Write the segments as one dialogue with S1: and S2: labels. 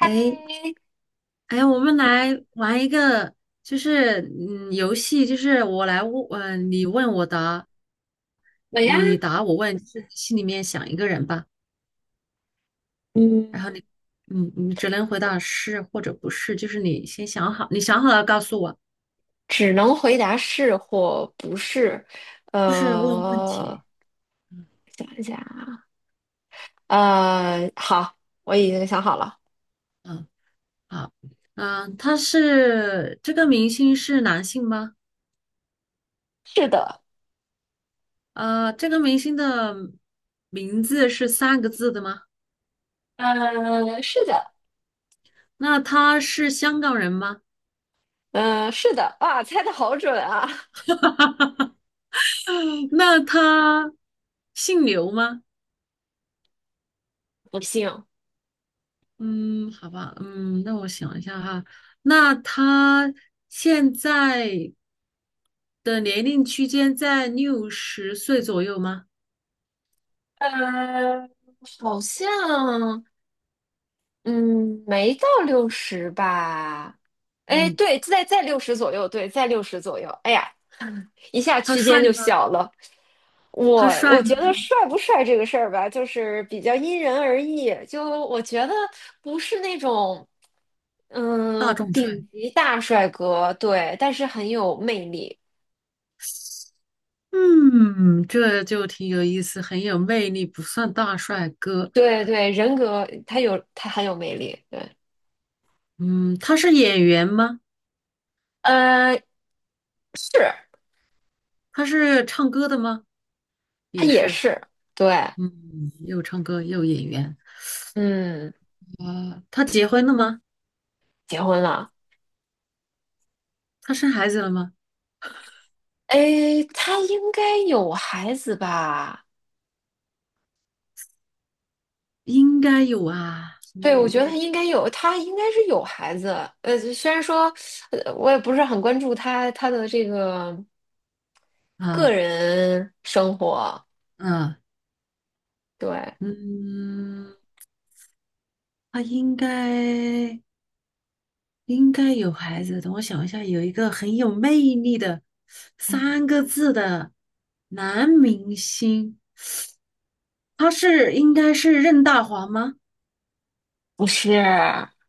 S1: 哎哎，我们来玩一个，就是游戏，就是我来问，嗯，你问我答，
S2: 我呀，
S1: 你答我问，就是心里面想一个人吧，然后
S2: 嗯，
S1: 你，你只能回答是或者不是，就是你先想好，你想好了告诉我，
S2: 只能回答是或不是。
S1: 就是问问
S2: 呃，
S1: 题。
S2: 想一下啊。好，我已经想好了。
S1: 嗯。好。嗯。这个明星是男性吗？
S2: 是的。
S1: 这个明星的名字是三个字的吗？
S2: 是的。
S1: 那他是香港人吗？
S2: 嗯、是的。哇，猜的好准啊！
S1: 那他姓刘吗？
S2: 不信。
S1: 嗯，好吧。嗯，那我想一下哈，那他现在的年龄区间在六十岁左右吗？
S2: 呃，好像，嗯，没到六十吧？哎，
S1: 嗯。
S2: 对，在六十左右，对，在六十左右。哎呀，一下
S1: 他
S2: 区间
S1: 帅
S2: 就
S1: 吗？
S2: 小了。
S1: 他
S2: 我
S1: 帅
S2: 我觉
S1: 吗？
S2: 得帅不帅这个事儿吧，就是比较因人而异。就我觉得不是那种，
S1: 大众帅。
S2: 顶级大帅哥，对，但是很有魅力。
S1: 嗯，这就挺有意思，很有魅力，不算大帅哥。
S2: 对对，人格他很有魅力。对。
S1: 嗯，他是演员吗？
S2: 呃，是。
S1: 他是唱歌的吗？
S2: 他
S1: 也
S2: 也
S1: 是。
S2: 是。对。
S1: 嗯，又唱歌又演员。
S2: 嗯，
S1: 啊、他结婚了吗？
S2: 结婚了。
S1: 他生孩子了吗？
S2: 哎，他应该有孩子吧？
S1: 应该有啊。
S2: 对，
S1: 你
S2: 我觉得他
S1: 你
S2: 应该有，他应该是有孩子。虽然说，我也不是很关注他的这个个
S1: 啊
S2: 人生活。
S1: 啊
S2: 对。
S1: 嗯，他应该有孩子。等我想一下，有一个很有魅力的三个字的男明星，应该是任大华吗？
S2: 不是，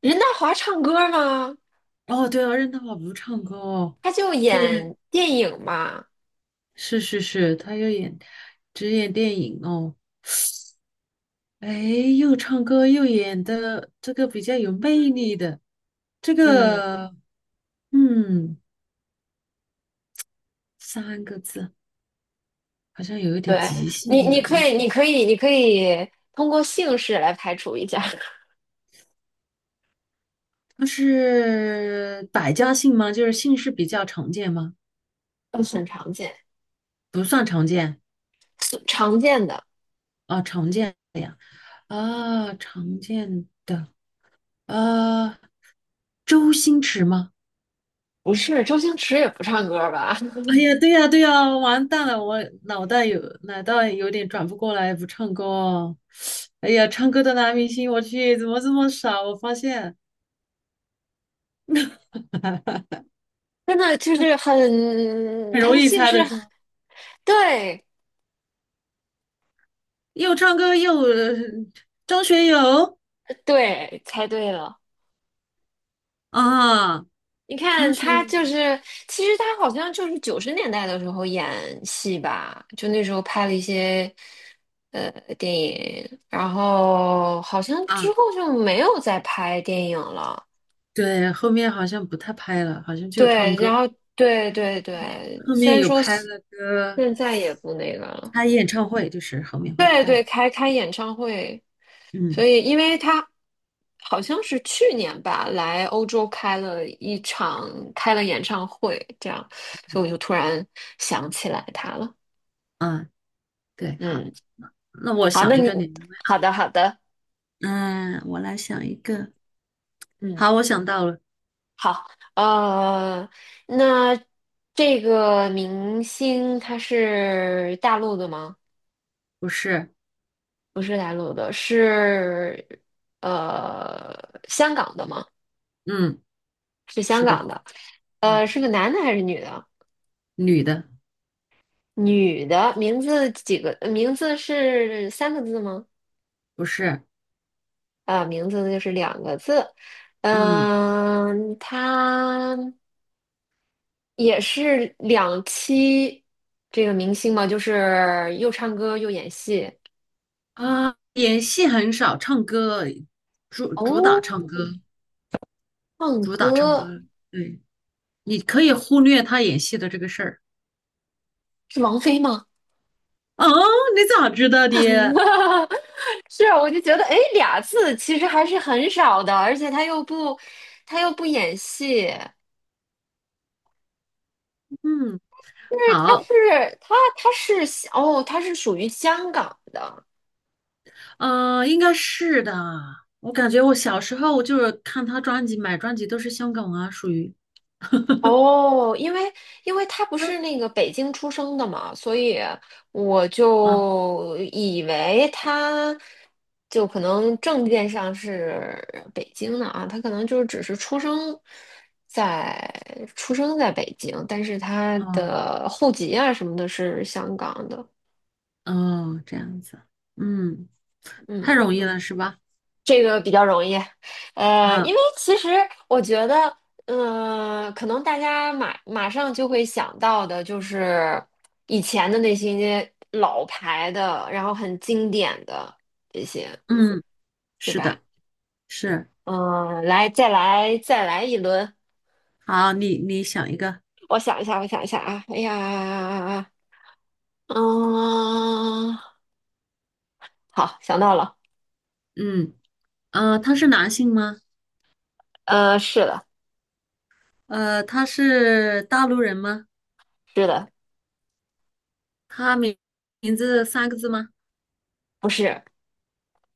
S2: 任达华唱歌吗？
S1: 哦，对啊，任大华不唱歌哦。
S2: 他就
S1: 对。
S2: 演电影嘛。
S1: 是是是，他又演只演电影哦。哎，又唱歌又演的这个比较有魅力的这
S2: 嗯，
S1: 个。嗯，三个字好像有一点
S2: 对，
S1: 极限
S2: 你，
S1: 呢。
S2: 你可以，你可以，你可以通过姓氏来排除一下。
S1: 它是百家姓吗？就是姓氏比较常见吗？
S2: 都很常见，
S1: 不算常见。
S2: 是常见的。
S1: 啊，常见的呀。啊，常见的。啊，周星驰吗？
S2: 不是，周星驰也不唱歌吧？
S1: 哎呀，对呀，对呀，完蛋了，我脑袋有点转不过来，不唱歌哦。哎呀，唱歌的男明星，我去，怎么这么少？我发现
S2: 真的就是很，
S1: 很
S2: 他
S1: 容
S2: 的
S1: 易
S2: 姓
S1: 猜
S2: 氏，
S1: 的是吗？
S2: 对。
S1: 又唱歌又张学友。
S2: 对，猜对了。
S1: 啊，
S2: 你
S1: 张
S2: 看
S1: 学
S2: 他
S1: 友
S2: 就是，其实他好像就是90年代的时候演戏吧，就那时候拍了一些呃电影，然后好像之
S1: 啊，
S2: 后就没有再拍电影了。
S1: 对，后面好像不太拍了，好像就唱
S2: 对，然
S1: 歌。
S2: 后对对对，
S1: 后
S2: 虽
S1: 面
S2: 然
S1: 有
S2: 说
S1: 拍了个
S2: 现在也不那个了。
S1: 开演唱会，就是后面会
S2: 对对，
S1: 开。
S2: 开演唱会，所
S1: 嗯。
S2: 以因为他好像是去年吧，来欧洲开了一场，开了演唱会，这样，所以我就突然想起来他了。
S1: 啊，对，好，
S2: 嗯，
S1: 那我
S2: 好。那
S1: 想一
S2: 你
S1: 个你来问。
S2: 好的好的。
S1: 嗯，我来想一个。
S2: 嗯，
S1: 好，我想到了。
S2: 好，呃，那这个明星他是大陆的吗？
S1: 不是。
S2: 不是大陆的，是呃香港的吗？
S1: 嗯。
S2: 是香
S1: 是
S2: 港
S1: 的。
S2: 的。
S1: 嗯。
S2: 是个男的还是女的？
S1: 女的。
S2: 女的，名字几个？名字是三个字吗？
S1: 不是。
S2: 啊、名字就是两个字。
S1: 嗯
S2: 他也是两栖这个明星嘛，就是又唱歌又演戏。
S1: 演戏很少，唱歌主打
S2: 哦，
S1: 唱歌，
S2: 唱
S1: 主打唱
S2: 歌
S1: 歌。对。你可以忽略他演戏的这个事儿。
S2: 是王菲吗？
S1: 哦，你咋知道 的？
S2: 是。啊，我就觉得，哎，俩字其实还是很少的，而且他又不演戏。
S1: 嗯。
S2: 就是
S1: 好。
S2: 它是属于香港的。
S1: 应该是的。我感觉我小时候就是看他专辑，买专辑都是香港啊，属于
S2: 哦，因为他不是那个北京出生的嘛，所以我
S1: 啊，
S2: 就以为他就可能证件上是北京的啊，他可能就是只是在出生在北京，但是他
S1: 哦
S2: 的户籍啊什么的是香港的。
S1: 哦，这样子。嗯，太容易
S2: 嗯。
S1: 了是吧？
S2: 这个比较容易，因
S1: 啊。
S2: 为其实我觉得，嗯、可能大家马上就会想到的就是以前的那些老牌的，然后很经典的这些，
S1: 嗯。
S2: 对
S1: 是
S2: 吧？
S1: 的。是。
S2: 嗯、来，再来一轮。
S1: 好，你想一个。
S2: 我想一下啊，哎呀，嗯、好，想到了。
S1: 嗯。他是男性吗？
S2: 是的。
S1: 他是大陆人吗？
S2: 是的。
S1: 他名名字三个字吗？
S2: 不是。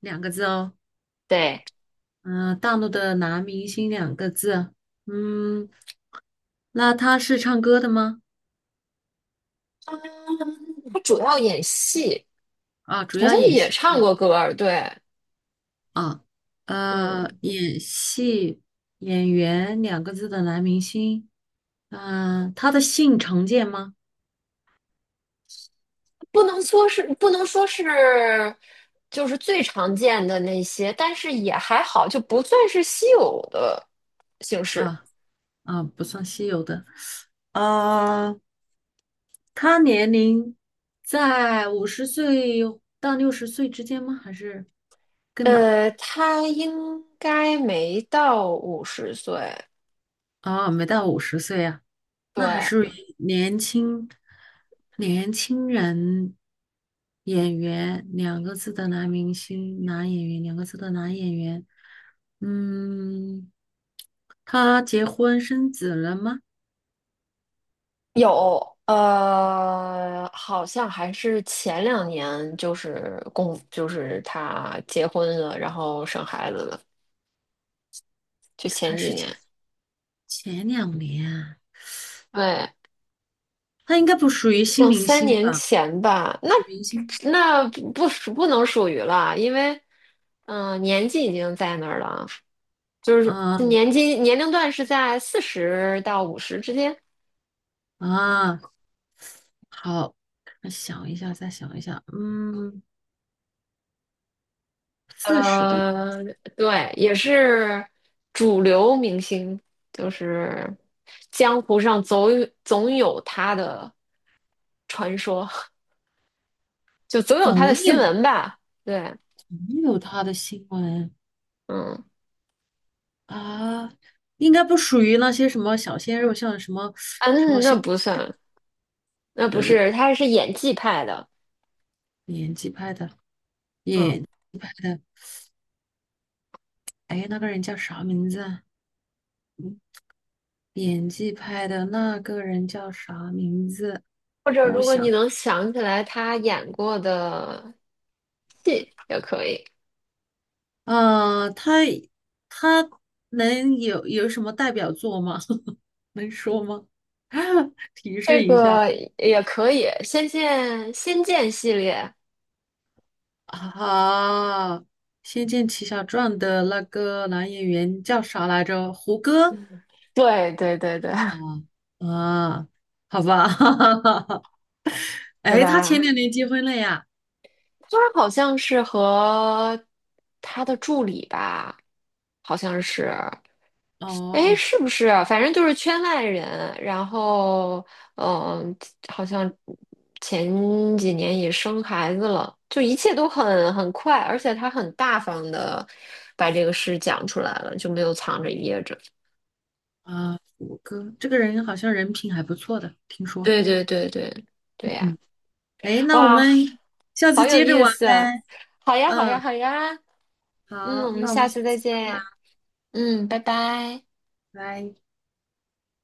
S1: 两个字哦。
S2: 对，
S1: 嗯、大陆的男明星两个字啊。嗯，那他是唱歌的吗？
S2: 他主要演戏。
S1: 啊，主
S2: 好
S1: 要
S2: 像
S1: 演
S2: 也
S1: 戏的
S2: 唱
S1: 呀。
S2: 过歌，对。
S1: 啊，
S2: 嗯，
S1: 演戏演员两个字的男明星。嗯、他的姓常见吗？
S2: 不能说是就是最常见的那些，但是也还好，就不算是稀有的姓氏。
S1: 啊啊，不算稀有的。啊，他年龄在五十岁到六十岁之间吗？还是更老？
S2: 他应该没到50岁。
S1: 啊，没到五十岁呀。那还
S2: 对。
S1: 是以年轻人演员两个字的男明星、男演员两个字的男演员。嗯，他结婚生子了吗？
S2: 有。好像还是前两年就是公就是他结婚了，然后生孩子了，就前
S1: 还
S2: 几
S1: 是
S2: 年。
S1: 前两年啊。
S2: 对。
S1: 他应该不属于新
S2: 两
S1: 明
S2: 三
S1: 星
S2: 年
S1: 吧？
S2: 前吧。那
S1: 老明星。
S2: 那不属不能属于了。因为年纪已经在那儿了，就是
S1: 啊
S2: 年龄段是在40到五十之间。
S1: 啊。好，我想一下，再想一下。嗯，40的
S2: 呃，对，也是主流明星，就是江湖上总有他的传说。就总有他的
S1: 总
S2: 新
S1: 有
S2: 闻吧。对。
S1: 总有他的新闻。
S2: 嗯
S1: 啊，应该不属于那些什么小鲜肉，像什么什么
S2: 嗯，那
S1: 像
S2: 不算，那不
S1: 呃
S2: 是，他是演技派的。
S1: 演技派的
S2: 嗯。
S1: 演技派的。哎，那个人叫啥名字啊？演技派的那个人叫啥名字？
S2: 或者
S1: 等我
S2: 如果你
S1: 想。
S2: 能想起来他演过的戏也可以，
S1: 啊，他能有什么代表作吗？能说吗？提
S2: 这
S1: 示一下。
S2: 个也可以，《仙剑》系列。
S1: 啊，《仙剑奇侠传》的那个男演员叫啥来着？胡歌。
S2: 对对对对。
S1: 哦。 啊，好吧，
S2: 对
S1: 哎，他前
S2: 吧？
S1: 两年结婚了呀？
S2: 他好像是和他的助理吧，好像是。哎，
S1: 哦。
S2: 是不是啊反正就是圈外人，然后嗯，好像前几年也生孩子了，就一切都很快，而且他很大方的把这个事讲出来了，就没有藏着掖着。
S1: 啊，我哥这个人好像人品还不错的，听说。
S2: 对对对对对呀。
S1: 嗯。哎，那我
S2: 哇，
S1: 们下
S2: 好
S1: 次
S2: 有
S1: 接着
S2: 意
S1: 玩
S2: 思啊！
S1: 呗。
S2: 好呀好呀
S1: 嗯，
S2: 好呀。嗯，
S1: 好，
S2: 我们
S1: 那我们
S2: 下
S1: 下
S2: 次再
S1: 次再玩。
S2: 见。嗯，拜拜。
S1: 拜。